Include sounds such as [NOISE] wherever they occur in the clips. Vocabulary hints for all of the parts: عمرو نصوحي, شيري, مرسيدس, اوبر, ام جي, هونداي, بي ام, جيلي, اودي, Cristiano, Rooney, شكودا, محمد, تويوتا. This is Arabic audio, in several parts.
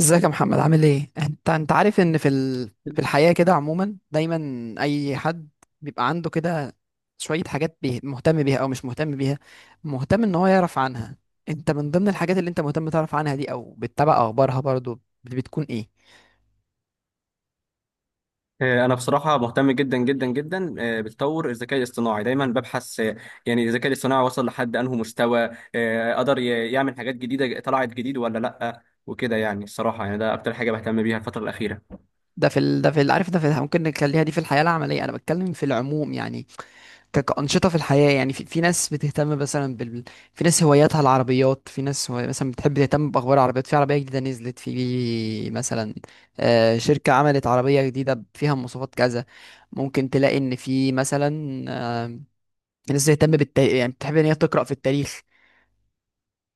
ازيك يا محمد؟ عامل ايه؟ انت عارف ان في في الحياة كده عموما دايما اي حد بيبقى عنده كده شوية حاجات بيه مهتم بيها او مش مهتم بيها، مهتم ان هو يعرف عنها. انت من ضمن الحاجات اللي انت مهتم تعرف عنها دي او بتتابع اخبارها برضو بتكون ايه؟ أنا بصراحة مهتم جدا جدا جدا بتطور الذكاء الاصطناعي. دايما ببحث يعني الذكاء الاصطناعي وصل لحد أنهي مستوى قدر يعمل حاجات جديدة، طلعت جديد ولا لأ وكده يعني. الصراحة يعني ده أكتر حاجة بهتم بيها الفترة الأخيرة. عارف، ممكن نخليها دي في الحياة العملية، انا بتكلم في العموم يعني. كأنشطة في الحياة، يعني في ناس بتهتم مثلا في ناس هواياتها العربيات، في ناس مثلا بتحب تهتم بأخبار العربيات، في عربية جديدة نزلت في مثلا، شركة عملت عربية جديدة فيها مواصفات كذا. ممكن تلاقي إن في مثلا آه، ناس بتهتم بالتاريخ، يعني بتحب إن هي تقرأ في التاريخ.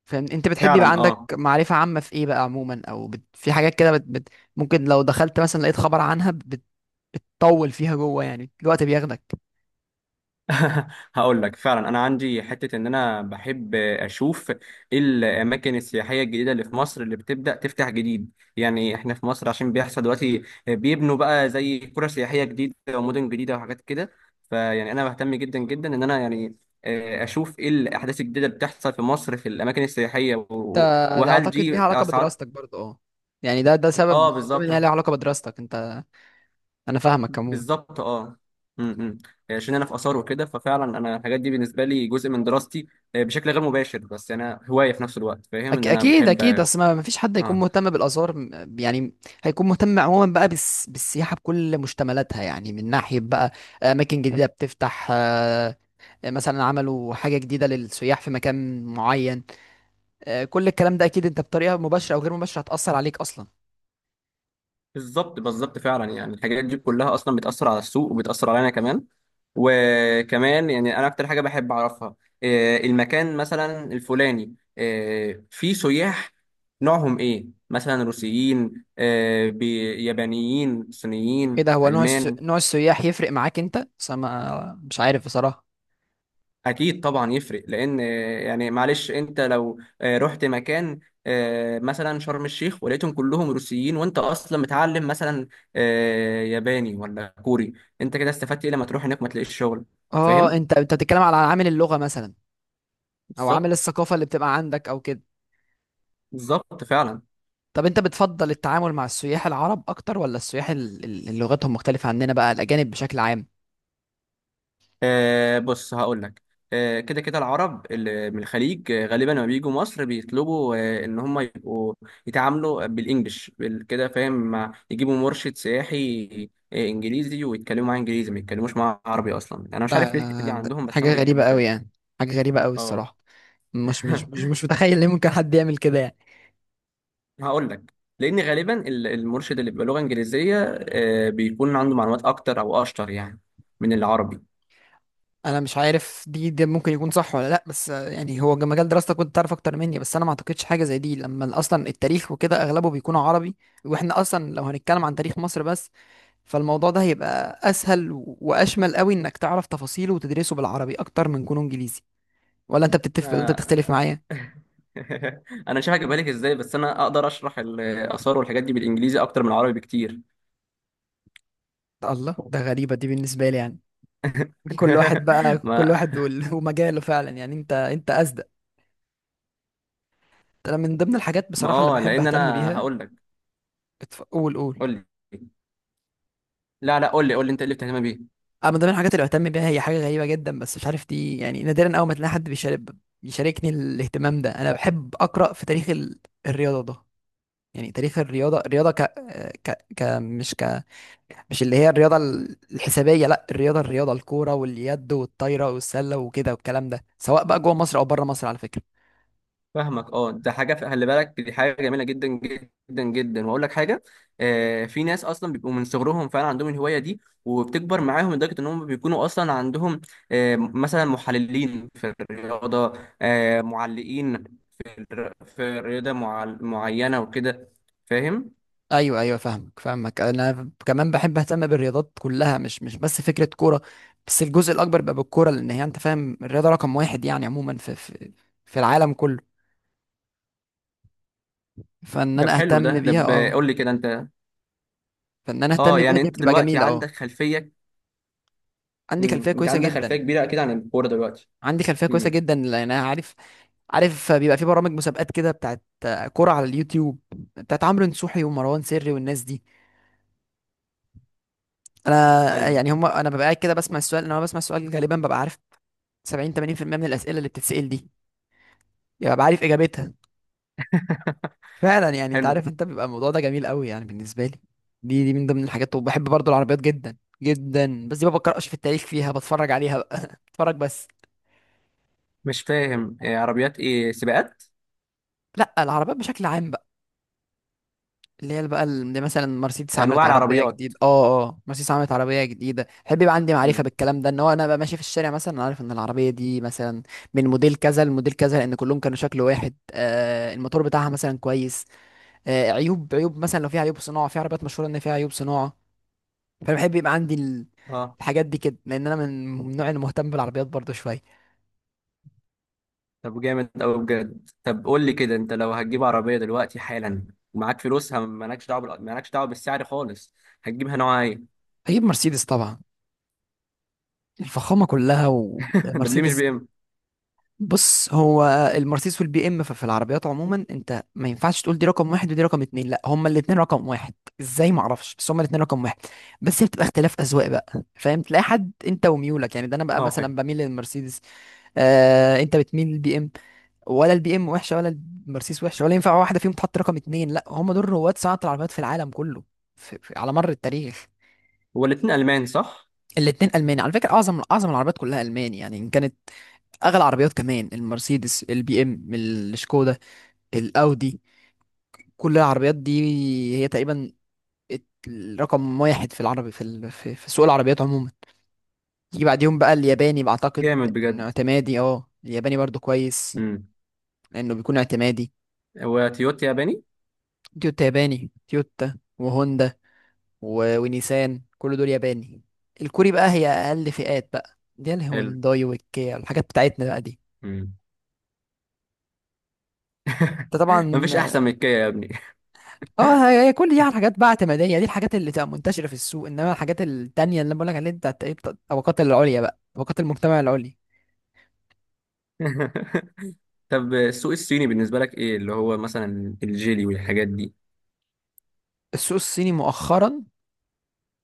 فاهم؟ أنت بتحب يبقى فعلا، اه. عندك معرفة عامة في إيه بقى عموما؟ أو في حاجات كده ممكن لو دخلت مثلا لقيت خبر عنها بتطول فيها جوه، يعني الوقت بياخدك. [LAUGHS] هقول لك، فعلا انا عندي حته ان انا بحب اشوف إيه الاماكن السياحيه الجديده اللي في مصر اللي بتبدا تفتح جديد. يعني احنا في مصر، عشان بيحصل دلوقتي، بيبنوا بقى زي قرى سياحيه جديده ومدن جديده وحاجات كده. فيعني انا بهتم جدا جدا ان انا يعني اشوف ايه الاحداث الجديده اللي بتحصل في مصر في الاماكن السياحيه، ده ده وهل اعتقد ليها دي علاقه اسعار. بدراستك برضه، اه. يعني ده سبب من اه، الاسباب، ان بالظبط. هي ليها علاقه بدراستك انت. انا فاهمك عموما. بالظبط، اه. امم، إمم. يعني عشان انا في اثار وكده، ففعلا انا الحاجات دي بالنسبه لي جزء من دراستي بشكل غير مباشر، بس انا هوايه في نفس الوقت، فاهم ان انا اكيد بحب. اكيد، اصل ما فيش حد هيكون اه، مهتم بالاثار يعني هيكون مهتم عموما بقى بالسياحه بكل مشتملاتها، يعني من ناحيه بقى اماكن جديده بتفتح، مثلا عملوا حاجه جديده للسياح في مكان معين، كل الكلام ده اكيد انت بطريقه مباشره او غير مباشره هتاثر عليك اصلا. بالظبط. بالظبط فعلا، يعني الحاجات دي كلها اصلا بتاثر على السوق وبتاثر علينا كمان. وكمان يعني انا اكتر حاجه بحب اعرفها المكان مثلا الفلاني فيه سياح، نوعهم ايه؟ مثلا روسيين، يابانيين، ايه صينيين، ده؟ هو نوع المان. نوع السياح يفرق معاك انت؟ بس أنا ما مش عارف بصراحه. اكيد طبعا يفرق، لان يعني معلش انت لو رحت مكان مثلا شرم الشيخ، ولقيتهم كلهم روسيين وانت اصلا متعلم مثلا ياباني ولا كوري، انت كده استفدت ايه؟ لما تروح هناك ما تلاقيش شغل. اه، فاهم. انت بتتكلم على عامل اللغة مثلا، او عامل بالظبط. الثقافة اللي بتبقى عندك او كده. بالظبط فعلا. طب انت بتفضل التعامل مع السياح العرب اكتر ولا السياح اللي لغتهم مختلفة عننا بقى، الاجانب بشكل عام؟ بص هقول لك. كده كده العرب اللي من الخليج غالبا لما بيجوا مصر بيطلبوا ان هم يبقوا يتعاملوا بالانجلش كده، فاهم، مع يجيبوا مرشد سياحي انجليزي ويتكلموا معاه انجليزي، ما يتكلموش معاه عربي اصلا. انا مش ده عارف ليه الحته دي ده عندهم، بس هم حاجة غريبة بيحبوا قوي كده. يعني، حاجة غريبة قوي اه. الصراحة. مش مش [LAUGHS] مش مش متخيل ليه ممكن حد يعمل كده يعني. هقول لك، لان غالبا المرشد اللي بيبقى لغه انجليزيه بيكون عنده معلومات اكتر او اشطر، يعني من العربي. انا مش عارف دي، ده ممكن يكون صح ولا لا، بس يعني هو مجال دراستك كنت تعرف اكتر مني، بس انا ما اعتقدش حاجة زي دي، لما اصلا التاريخ وكده اغلبه بيكون عربي. واحنا اصلا لو هنتكلم عن تاريخ مصر بس، فالموضوع ده هيبقى اسهل واشمل قوي انك تعرف تفاصيله وتدرسه بالعربي اكتر من كونه انجليزي. ولا انت بتتفق ولا انت بتختلف آه. معايا؟ [LAUGHS] [LAUGHS] انا مش عارف بالك ازاي، بس انا اقدر اشرح الاثار والحاجات دي بالانجليزي اكتر من العربي بكتير. الله، ده غريبة دي بالنسبة لي يعني. [LAUGHS] كل واحد [LAUGHS] بقى، كل ما واحد [LAUGHS] ومجاله فعلا يعني، انت اصدق. انا من ضمن الحاجات ما بصراحة اللي اه، بحب لان اهتم انا بيها. هقول لك. قول قول. قول لي. لا، لا، قول لي قول لي انت ايه اللي بتهتم بيه؟ انا من ضمن الحاجات اللي بهتم بيها، هي حاجة غريبة جدا، بس مش عارف دي يعني نادرا اول ما تلاقي حد بيشاركني الاهتمام ده. انا بحب اقرا في تاريخ الرياضة. ده يعني تاريخ الرياضة. الرياضة ك... ك... ك... مش ك مش اللي هي الرياضة الحسابية، لا، الرياضة الكورة واليد والطايرة والسلة وكده والكلام ده، سواء بقى جوه مصر أو بره مصر على فكرة. فاهمك، اه. ده حاجه، خلي بالك، دي حاجه جميله جدا جدا جدا، واقول لك حاجه: في ناس اصلا بيبقوا من صغرهم فعلا عندهم الهوايه دي، وبتكبر معاهم لدرجه ان هم بيكونوا اصلا عندهم مثلا محللين في الرياضه، معلقين في الرياضه معينه وكده. فاهم. أيوه أيوه، فاهمك فاهمك. أنا كمان بحب أهتم بالرياضات كلها، مش بس فكرة كورة، بس الجزء الأكبر بقى بالكورة، لأن هي، أنت فاهم، الرياضة رقم واحد يعني عموما في العالم كله. فإن ده أنا حلو. أهتم بيها، أه. قول لي كده انت. فإن أنا اه، أهتم بيها، يعني دي انت بتبقى دلوقتي جميلة، أه. عندك خلفيه. عندي خلفية انت كويسة عندك خلفيه جدا، كبيره اكيد عن الكوره دلوقتي. عندي خلفية كويسة امم. جدا، لأن أنا عارف. عارف بيبقى في برامج مسابقات كده بتاعت كرة على اليوتيوب، بتاعت عمرو نصوحي ومروان سري والناس دي. انا ايوه، يعني هم، انا ببقى قاعد كده بسمع السؤال، انا بسمع السؤال غالبا ببقى عارف 70 80% من الاسئله اللي بتتسال دي، يعني ببقى عارف اجابتها. فعلا يعني انت حلو. عارف، انت بيبقى الموضوع ده جميل قوي يعني بالنسبه لي. دي من ضمن الحاجات، وبحب برضو العربيات جدا جدا، بس دي ما بقراش في التاريخ فيها، بتفرج عليها بقى. [LAUGHS] بتفرج بس. مش فاهم، إيه عربيات، ايه سباقات؟ لا، العربيات بشكل عام، اللي هي بقى اللي مثلا مرسيدس عملت انواع عربيه العربيات. جديده. اه اه، مرسيدس عملت عربيه جديده، احب يبقى عندي معرفه امم، بالكلام ده، ان هو انا بقى ماشي في الشارع مثلا، انا عارف ان العربيه دي مثلا من موديل كذا لموديل كذا، لان كلهم كانوا شكل واحد. آه، الموتور بتاعها مثلا كويس، آه، عيوب، عيوب مثلا لو في عيوب صناعه، في عربيات مشهوره ان فيها عيوب صناعه، فانا بحب يبقى عندي اه. الحاجات دي كده، لان انا من النوع اللي مهتم بالعربيات برضه شويه. طب جامد قوي بجد. طب قول لي كده، انت لو هتجيب عربيه دلوقتي حالا ومعاك فلوسها، مالكش دعوه بالسعر خالص، هتجيبها نوعها ايه؟ هجيب مرسيدس طبعا، الفخامه كلها، [LAUGHS] ده ليه مش ومرسيدس. بي ام؟ بص، هو المرسيدس والبي ام، ففي العربيات عموما انت ما ينفعش تقول دي رقم واحد ودي رقم اتنين، لا، هما الاتنين رقم واحد. ازاي؟ ما اعرفش، بس هما الاتنين رقم واحد. بس هي بتبقى اختلاف اذواق بقى، فاهم، تلاقي حد انت وميولك يعني، ده انا بقى اه، مثلا فاهم. بميل للمرسيدس، آه، انت بتميل للبي ام. ولا البي ام وحشه؟ ولا المرسيدس وحشه؟ ولا ينفع واحده فيهم تحط رقم اتنين؟ لا، هما دول رواد صناعه العربيات في العالم كله، في على مر التاريخ. هو الاتنين المان، صح؟ الاتنين الماني على فكره، اعظم اعظم العربيات كلها الماني، يعني ان كانت اغلى عربيات كمان، المرسيدس، البي ام، الشكودا، الاودي، كل العربيات دي هي تقريبا الرقم واحد في العربي، في في سوق العربيات عموما. يجي بعديهم بقى الياباني بعتقد، جامد إنه بجد. اعتمادي. اه، الياباني برضو كويس، امم لانه بيكون اعتمادي. وتويوتا ياباني. تويوتا ياباني، تويوتا وهوندا ونيسان، كل دول ياباني. الكوري بقى هي اقل فئات بقى، دي حلو. الهونداي والكيا، الحاجات بتاعتنا بقى دي. مم. [LAUGHS] انت طبعا. مفيش احسن من الكيا يا ابني. اه، هي كل دي حاجات بقى اعتماديه، دي الحاجات اللي تبقى منتشره في السوق، انما الحاجات التانيه اللي انا بقول لك عليها دي بتاعت ايه، بتاعت الطبقات العليا بقى، طبقات المجتمع العليا. [LAUGHS] طب السوق الصيني بالنسبه لك، ايه اللي هو مثلا الجيلي والحاجات دي؟ السوق الصيني مؤخرا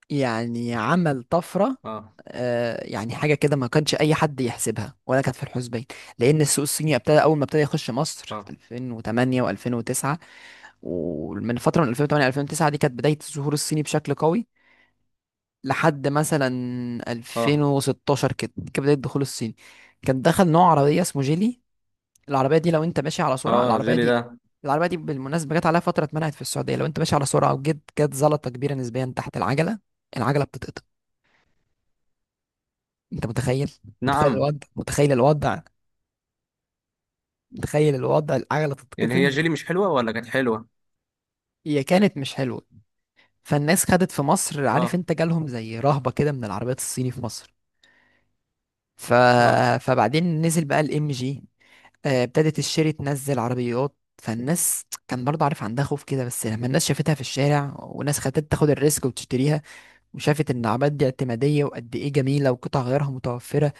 يعني عمل طفره، اه، آه، يعني حاجه كده ما كانش اي حد يحسبها ولا كانت في الحسبان، لان السوق الصيني ابتدى، اول ما ابتدى يخش مصر في اه، 2008 و2009، ومن فتره، من 2008 2009، دي كانت بدايه ظهور الصيني بشكل قوي. لحد مثلا اه، 2016 كده كانت بدايه دخول الصيني، كان دخل نوع عربية اسمه جيلي. العربية دي، لو انت ماشي على سرعة اه، العربية الجيلي دي، ده. العربية دي بالمناسبة جت عليها فترة اتمنعت في السعودية، لو انت ماشي على سرعة وجيت جت زلطة كبيرة نسبيا تحت العجلة، العجلة بتتقطم، انت متخيل؟ متخيل نعم. الوضع، متخيل الوضع، متخيل الوضع، العجلة يعني هي تتقطم. الجيلي مش حلوه ولا كانت حلوه؟ هي كانت مش حلوة، فالناس خدت في مصر، عارف اه، انت، جالهم زي رهبة كده من العربيات الصيني في مصر. ف... اه. فبعدين نزل بقى الام جي، ابتدت الشيري تنزل عربيات، فالناس كان برضه، عارف، عندها خوف كده، بس لما الناس شافتها في الشارع، وناس خدت تاخد الريسك وتشتريها، وشافت ان العملات دي اعتمادية وقد ايه جميلة وقطع غيارها متوفرة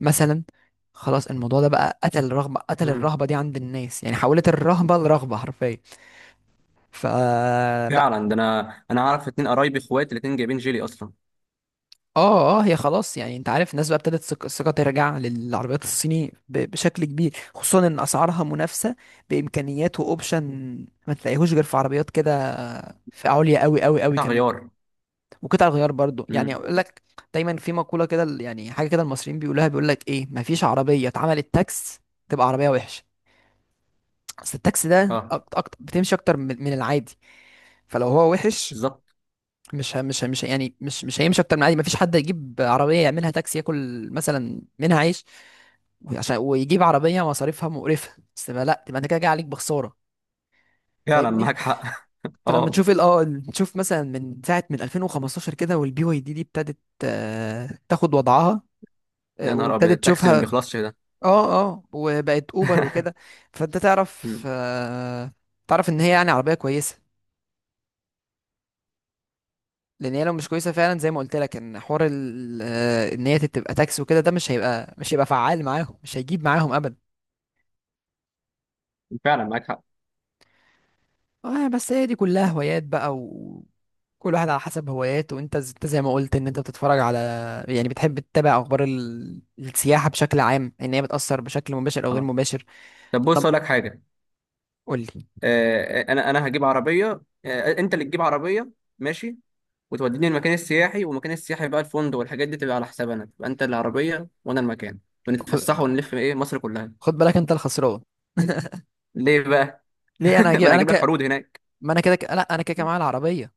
مثلا، خلاص الموضوع ده بقى قتل الرغبة، قتل مم. الرهبة دي عند الناس، يعني حولت الرهبة لرغبة حرفيا. فلا. فعلا، ده انا اعرف اتنين قرايبي اخوات الاتنين جايبين جيلي اصلا. اه اه، هي خلاص يعني، انت عارف، الناس بقى ابتدت الثقة ترجع للعربيات الصيني بشكل كبير، خصوصا ان اسعارها منافسة، بامكانيات واوبشن ما تلاقيهوش غير في عربيات كده في عليا قوي قوي قوي قطع كمان. غيار. وقطع الغيار برضو، يعني امم، اقول لك، دايما في مقولة كده، يعني حاجة كده المصريين بيقولوها، بيقول لك ايه، مفيش عربية اتعملت تاكس تبقى عربية وحشة، بس التاكس ده اه. أكتر أكتر، بتمشي اكتر من العادي، فلو هو وحش بالظبط. مش ه- مش ه- مش ه- يعني مش هيمشي اكتر من العادي. مفيش حد يجيب عربية يعملها تاكسي ياكل مثلا منها عيش وعشان، ويجيب عربية مصاريفها مقرفة، بس ما لا، تبقى انت كده جاي عليك بخسارة. فعلا فاهمني؟ معاك حق. [LAUGHS] فلما اه، تشوف نشوف مثلا من ساعة، من 2015 كده، والبي واي دي دي ابتدت، تاخد وضعها، يا نهار ابيض، وابتدت التاكسي اللي ما تشوفها. بيخلصش ده. اه اه، وبقت اوبر وكده. [LAUGHS] فانت تعرف، مم. آه، تعرف ان هي يعني عربيه كويسه، لان هي لو مش كويسه فعلا، زي ما قلت لك، ان حوار ان هي تبقى تاكسي وكده، ده مش هيبقى، مش هيبقى فعال معاهم، مش هيجيب معاهم ابدا. فعلا معاك حق. اه، بس هي دي كلها هوايات بقى، وكل واحد على حسب هواياته، وانت انت زي ما قلت، ان انت بتتفرج على، يعني بتحب تتابع اخبار السياحه بشكل عام، ان هي بتاثر بشكل مباشر او غير اه، مباشر. طب بص انا، اقول لك حاجه. قول لي. انا هجيب عربيه. انت اللي تجيب عربيه، ماشي، وتوديني المكان السياحي، والمكان السياحي بقى الفندق والحاجات دي تبقى على حساب انا، تبقى انت العربيه وانا المكان، خد ونتفسح ونلف ايه مصر كلها. خد بالك، انت الخسران. [LAUGHS] ليه بقى؟ [LAUGHS] ليه انا ما هجيب؟ انا انا هجيب لك عروض هناك. ما انا كده لا، انا كده كده معايا العربيه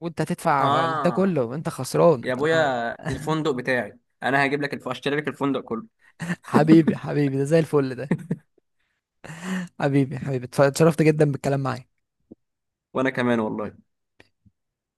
وانت هتدفع ده اه، كله، انت خسران يا انا. ابويا، الفندق بتاعي انا هجيب لك اشتري لك الفندق كله. [LAUGHS] حبيبي حبيبي، ده زي الفل ده. [LAUGHS] حبيبي حبيبي، اتشرفت جدا بالكلام معاك. وانا كمان والله.